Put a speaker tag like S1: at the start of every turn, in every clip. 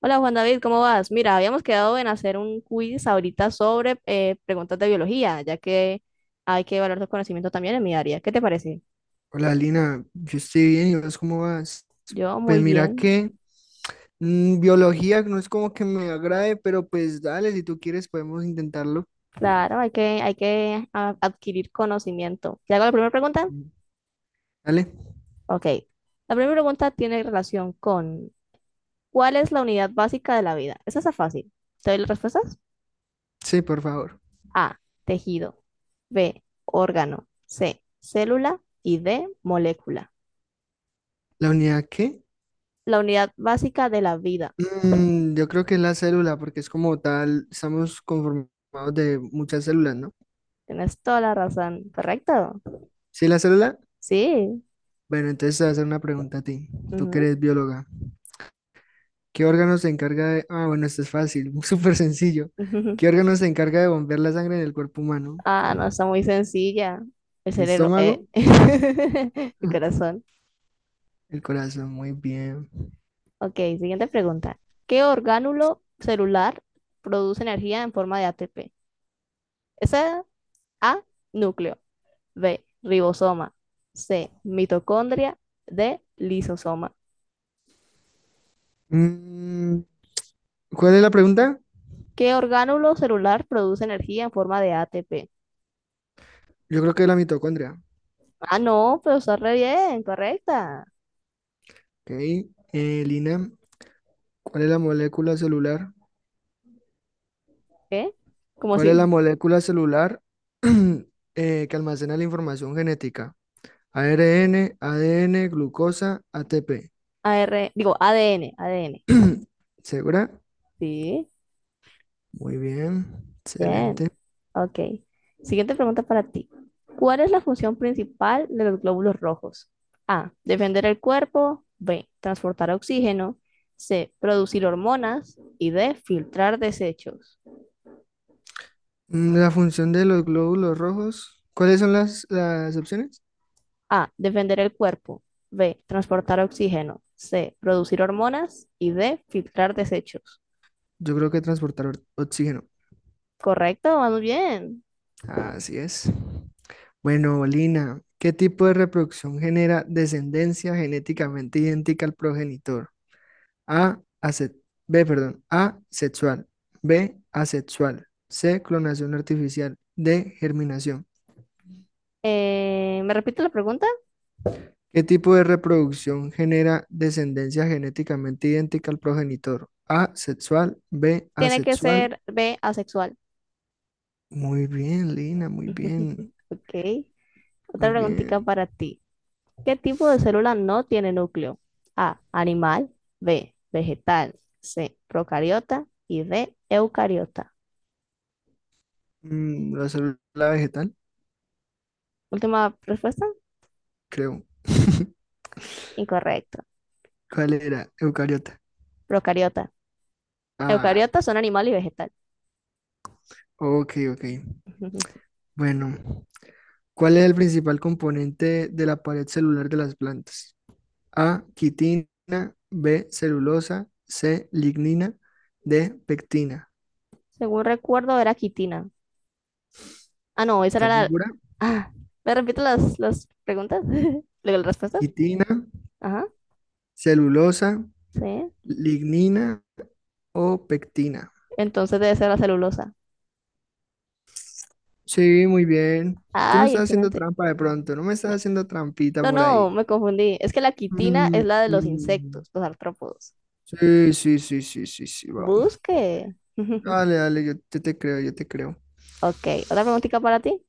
S1: Hola Juan David, ¿cómo vas? Mira, habíamos quedado en hacer un quiz ahorita sobre preguntas de biología, ya que hay que evaluar tu conocimiento también en mi área. ¿Qué te parece?
S2: Hola Lina, yo estoy bien y vos cómo vas.
S1: Yo
S2: Pues
S1: muy
S2: mira
S1: bien.
S2: que biología no es como que me agrade, pero pues dale, si tú quieres podemos intentarlo.
S1: Claro, hay que adquirir conocimiento. ¿Te hago la primera pregunta?
S2: Mm. Dale,
S1: Ok. La primera pregunta tiene relación con ¿cuál es la unidad básica de la vida? Esa está fácil. ¿Te doy las respuestas?
S2: sí, por favor.
S1: A, tejido. B, órgano. C, célula. Y D, molécula.
S2: ¿La unidad qué?
S1: La unidad básica de la vida.
S2: Yo creo que es la célula, porque es como tal, estamos conformados de muchas células, ¿no?
S1: Tienes toda la razón, correcto.
S2: ¿Sí, la célula?
S1: Sí.
S2: Bueno, entonces te voy a hacer una pregunta a ti, tú que
S1: Ujú.
S2: eres bióloga. ¿Qué órgano se encarga de...? Ah, bueno, esto es fácil, súper sencillo.
S1: Ujú.
S2: ¿Qué órgano se encarga de bombear la sangre en el cuerpo humano?
S1: Ah, no, está muy sencilla. El
S2: El
S1: cerebro,
S2: estómago,
S1: el corazón.
S2: el corazón, muy bien.
S1: Ok, siguiente pregunta. ¿Qué orgánulo celular produce energía en forma de ATP? Esa, A, núcleo. B, ribosoma. C, mitocondria. D, lisosoma.
S2: Mm, ¿Cuál es la pregunta?
S1: ¿Qué orgánulo celular produce energía en forma de ATP?
S2: Yo creo que es la mitocondria.
S1: Ah, no, pero está re bien, correcta.
S2: Ok, Lina, ¿cuál es la molécula celular?
S1: ¿Qué? ¿Cómo
S2: ¿Cuál es la
S1: así?
S2: molécula celular que almacena la información genética? ARN, ADN, glucosa, ATP.
S1: ADN, ADN.
S2: ¿Segura?
S1: Sí,
S2: Muy bien,
S1: bien.
S2: excelente.
S1: Ok. Siguiente pregunta para ti. ¿Cuál es la función principal de los glóbulos rojos? A, defender el cuerpo. B, transportar oxígeno. C, producir hormonas. Y D, filtrar desechos.
S2: Mm, la función de los glóbulos rojos. ¿Cuáles son las opciones?
S1: A, defender el cuerpo. B, transportar oxígeno. C, producir hormonas. Y D, filtrar desechos.
S2: Yo creo que transportar oxígeno.
S1: Correcto, vamos bien.
S2: Así es. Bueno, Lina, ¿qué tipo de reproducción genera descendencia genéticamente idéntica al progenitor? A, ase- B, perdón, A, sexual, B, asexual, C, clonación artificial, D, germinación.
S1: ¿Me repito la pregunta?
S2: ¿Qué tipo de reproducción genera descendencia genéticamente idéntica al progenitor? A, sexual, B,
S1: Tiene que
S2: asexual.
S1: ser B, asexual.
S2: Muy bien, Lina, muy bien,
S1: Ok. Otra
S2: muy
S1: preguntita
S2: bien.
S1: para ti. ¿Qué tipo de célula no tiene núcleo? A, animal. B, vegetal. C, procariota. Y D, eucariota.
S2: Mm, la célula vegetal,
S1: Última respuesta.
S2: creo.
S1: Incorrecto.
S2: ¿Cuál era? Eucariota.
S1: Procariota.
S2: Ah,
S1: Eucariota son animal y vegetal.
S2: ok, ok. Bueno, ¿cuál es el principal componente de la pared celular de las plantas? A, quitina, B, celulosa, C, lignina, D, pectina.
S1: Según recuerdo, era quitina. Ah, no, esa era
S2: ¿Estás
S1: la.
S2: segura?
S1: Ah, ¿me repito las preguntas? ¿Las respuestas?
S2: Quitina,
S1: Ajá.
S2: celulosa,
S1: Sí.
S2: lignina o pectina.
S1: Entonces debe ser la celulosa.
S2: Sí, muy bien. Tú no
S1: Ay,
S2: estás haciendo
S1: excelente.
S2: trampa de pronto, no me estás haciendo trampita
S1: No,
S2: por
S1: no,
S2: ahí.
S1: me confundí. Es que la quitina es
S2: Mm,
S1: la de los
S2: mm.
S1: insectos, los artrópodos.
S2: Sí, sí, sí, sí, sí, sí, vamos.
S1: Busque.
S2: Dale, dale, yo te creo, yo te creo.
S1: Ok, otra preguntita para ti.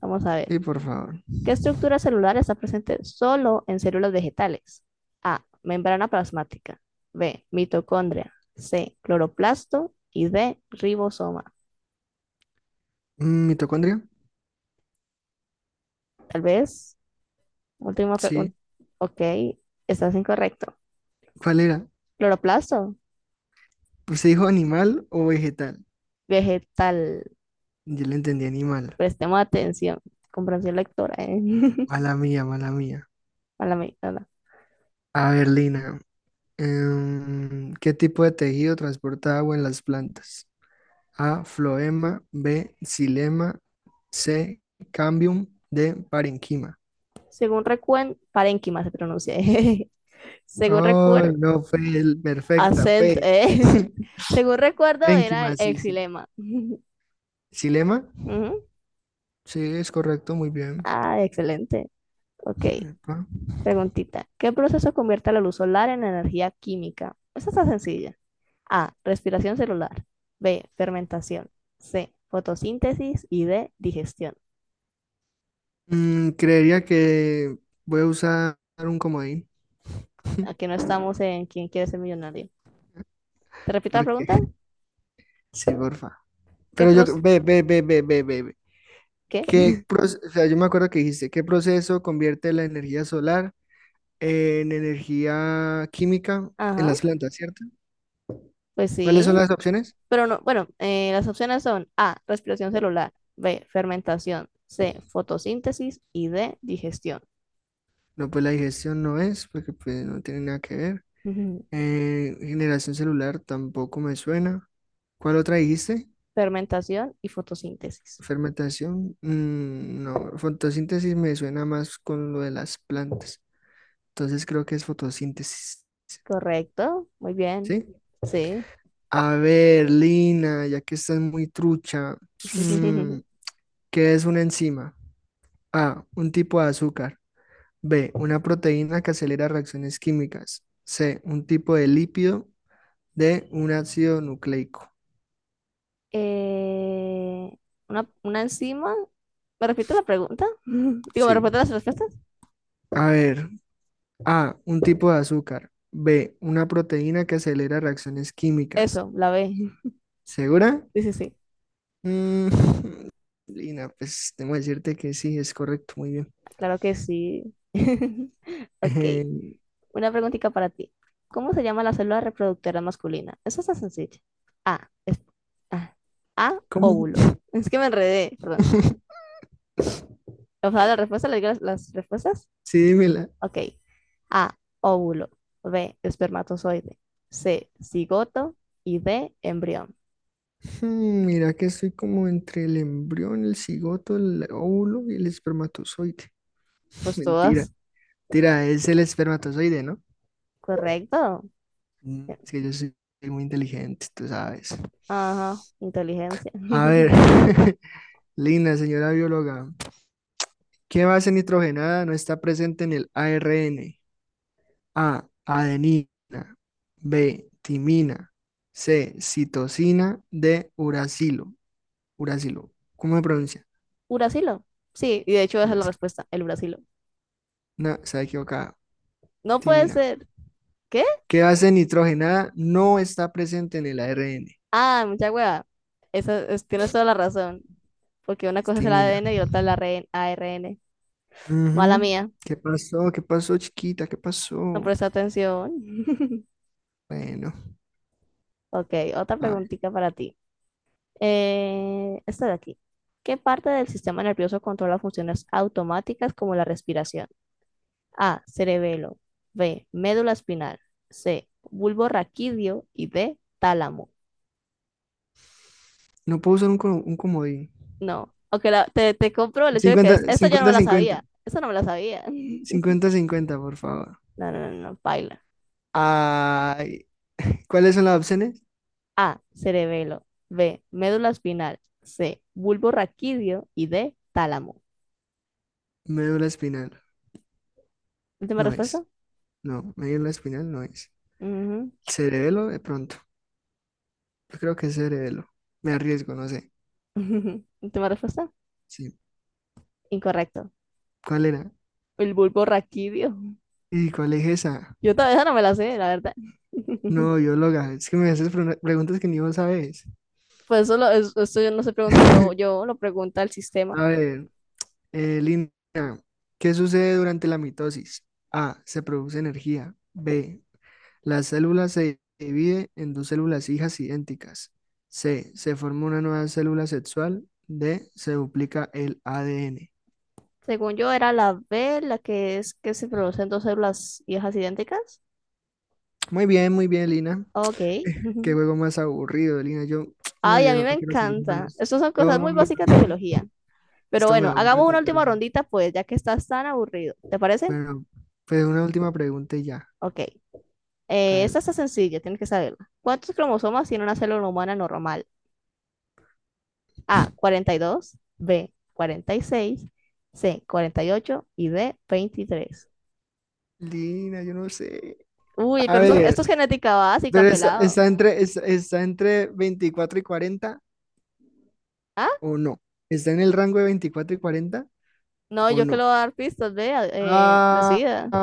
S1: Vamos a ver.
S2: Sí, por favor.
S1: ¿Qué estructura celular está presente solo en células vegetales? A, membrana plasmática. B, mitocondria. C, cloroplasto. Y D, ribosoma.
S2: Mm, ¿mitocondria?
S1: Tal vez. Última
S2: Sí.
S1: pregunta. Ok, estás incorrecto.
S2: ¿Cuál era?
S1: Cloroplasto.
S2: Pues se dijo animal o vegetal.
S1: Vegetal.
S2: Yo le entendí animal.
S1: Prestemos atención. Comprensión lectora, ¿eh?
S2: Mala mía, mala mía.
S1: A la, a la-
S2: A ver, Lina. ¿Qué tipo de tejido transporta agua en las plantas? A, floema, B, xilema, C, cambium, D, parenquima.
S1: Según recuerdo, parénquima se pronuncia. Según recuerdo,
S2: Ay, no, perfecta,
S1: acento.
S2: fue.
S1: Según recuerdo, era el
S2: Parenquima, sí, sí.
S1: exilema.
S2: ¿Xilema?
S1: Ujú.
S2: Sí, es correcto, muy bien.
S1: Ah, excelente. Ok,
S2: Epa.
S1: preguntita. ¿Qué proceso convierte la luz solar en energía química? Esta está sencilla. A, respiración celular. B, fermentación. C, fotosíntesis. Y D, digestión.
S2: Creería que voy a usar un comodín,
S1: Aquí no estamos en quién quiere ser millonario. ¿Te repito la
S2: porque
S1: pregunta?
S2: sí, porfa.
S1: ¿Qué
S2: Pero yo,
S1: pros...
S2: ve, ve, ve, ve, ve, ve, ve.
S1: ¿Qué?
S2: ¿Qué proceso, o sea, yo me acuerdo que dijiste, ¿qué proceso convierte la energía solar en energía química en
S1: Ajá.
S2: las plantas, cierto?
S1: Pues
S2: ¿Cuáles son las
S1: sí.
S2: opciones?
S1: Pero no, bueno, las opciones son A, respiración celular, B, fermentación, C, fotosíntesis y D, digestión.
S2: No, pues la digestión no es, porque pues no tiene nada que ver.
S1: Ujú.
S2: Generación celular tampoco me suena. ¿Cuál otra dijiste?
S1: Fermentación y fotosíntesis.
S2: Fermentación. Mm, no, fotosíntesis me suena más con lo de las plantas. Entonces creo que es fotosíntesis,
S1: Correcto, muy bien.
S2: ¿sí?
S1: Sí.
S2: A ver, Lina, ya que estás muy trucha, mm, ¿qué es una enzima? A, un tipo de azúcar. B, una proteína que acelera reacciones químicas. C, un tipo de lípido. D, un ácido nucleico.
S1: Eh, una enzima. ¿Me repite la pregunta? Digo, ¿me
S2: Sí.
S1: repite las respuestas?
S2: A ver, A, un tipo de azúcar. B, una proteína que acelera reacciones químicas.
S1: Eso, la B.
S2: ¿Segura?
S1: Sí, sí, sí.
S2: Mm, Lina, pues tengo que decirte que sí, es correcto, muy bien.
S1: Claro que sí. Ok.
S2: Eh,
S1: Una preguntita para ti. ¿Cómo se llama la célula reproductora masculina? Eso está sencillo. A, es- ah, A,
S2: ¿cómo?
S1: óvulo. Es que me enredé, perdón. O sea, la respuesta, le digo las respuestas.
S2: Sí, dímela.
S1: Ok. A, óvulo. B, espermatozoide. C, cigoto. Y D, embrión.
S2: Hmm, mira que estoy como entre el embrión, el cigoto, el óvulo y el espermatozoide.
S1: Pues
S2: Mentira.
S1: todas.
S2: Tira, es el espermatozoide, ¿no?
S1: Correcto.
S2: Mm, es que yo soy muy inteligente, tú sabes.
S1: Ajá, inteligencia.
S2: A ver, linda señora bióloga, ¿qué base nitrogenada no está presente en el ARN? A, adenina, B, timina, C, citosina, D, uracilo. Uracilo, ¿cómo se pronuncia?
S1: Uracilo. Sí, y de hecho esa es la
S2: Brasil.
S1: respuesta, el uracilo.
S2: No, está equivocada.
S1: No puede
S2: Timina.
S1: ser. ¿Qué?
S2: ¿Qué base nitrogenada no está presente en el ARN?
S1: Ah, mucha hueva. Tienes toda la razón. Porque una cosa es el
S2: Timina.
S1: ADN y otra es la RN ARN. Mala
S2: Ujú.
S1: mía.
S2: ¿Qué pasó? ¿Qué pasó, chiquita? ¿Qué
S1: No
S2: pasó?
S1: presté atención.
S2: Bueno,
S1: Ok, otra
S2: a ver,
S1: preguntita para ti. Esta de aquí. ¿Qué parte del sistema nervioso controla funciones automáticas como la respiración? A, cerebelo. B, médula espinal. C, bulbo raquídeo. Y D, tálamo.
S2: no puedo usar un comodín.
S1: No. Ok, te compro el hecho de que es,
S2: Cincuenta
S1: esta ya no me
S2: 50
S1: la
S2: 50
S1: sabía. Esta no me la sabía.
S2: 50 cincuenta, por favor.
S1: No, no, no, no, paila.
S2: Ay, ¿cuáles son las opciones?
S1: A, cerebelo. B, médula espinal. C, bulbo raquídeo. Y D, tálamo.
S2: Médula espinal.
S1: Última
S2: No es.
S1: respuesta.
S2: No, médula espinal no es.
S1: Ujú.
S2: Cerebelo, de pronto. Yo creo que es cerebelo. Me arriesgo, no sé.
S1: Última respuesta.
S2: Sí.
S1: Incorrecto.
S2: ¿Cuál era?
S1: El bulbo raquídeo.
S2: ¿Y cuál es esa?
S1: Yo todavía no me la sé, la verdad.
S2: No, bióloga, es que me haces preguntas que ni vos sabes.
S1: Pues eso esto yo no estoy preguntando yo, lo pregunta el sistema.
S2: A ver, Lina, ¿qué sucede durante la mitosis? A, se produce energía. B, la célula se divide en dos células hijas idénticas. C, se forma una nueva célula sexual. D, se duplica el ADN.
S1: Según yo, era la B, la que es que se producen dos células hijas idénticas.
S2: Muy bien, Lina.
S1: Ok.
S2: Qué juego más aburrido, Lina. Yo, no,
S1: Ay, a
S2: yo
S1: mí
S2: no
S1: me
S2: quiero seguir jugando
S1: encanta.
S2: esto.
S1: Estas son cosas muy
S2: No,
S1: básicas de biología. Pero
S2: esto me
S1: bueno,
S2: aburre
S1: hagamos una última
S2: totalmente.
S1: rondita, pues, ya que estás tan aburrido. ¿Te parece?
S2: Bueno, pues una última pregunta y ya.
S1: Ok. Esta está sencilla, tienes que saberla. ¿Cuántos cromosomas tiene una célula humana normal? A, 42, B, 46, C, 48 y ocho y D, 23.
S2: Alina, yo no sé.
S1: Uy,
S2: A
S1: pero
S2: ver,
S1: esto es genética básica,
S2: pero
S1: pelado.
S2: está entre 24 y 40
S1: ¿Ah?
S2: o no. ¿Está en el rango de 24 y 40
S1: No,
S2: o
S1: yo que
S2: no?
S1: lo voy a dar pistas, vea,
S2: Ah,
S1: decida.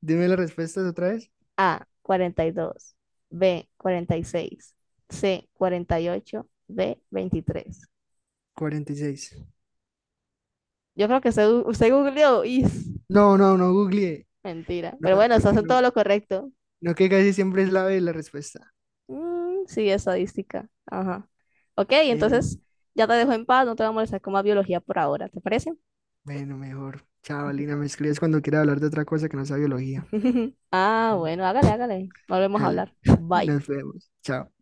S2: dime las respuestas otra vez.
S1: A, 42, B, 46, C, 48, D, 23.
S2: 46.
S1: Yo creo que usted googleó y
S2: No, no googleé.
S1: mentira.
S2: No,
S1: Pero bueno,
S2: no,
S1: se hacen
S2: no-
S1: todo lo correcto.
S2: no, que casi siempre es la B la respuesta.
S1: Mm, sí, estadística. Ajá. Ok, entonces
S2: Eh,
S1: ya te dejo en paz, no te voy a molestar con más biología por ahora, ¿te parece?
S2: bueno, mejor. Chao, Alina, me escribes cuando quieras hablar de otra cosa que no sea biología.
S1: Ah, bueno, hágale, hágale. Volvemos a
S2: Dale,
S1: hablar. Bye.
S2: nos vemos. Chao.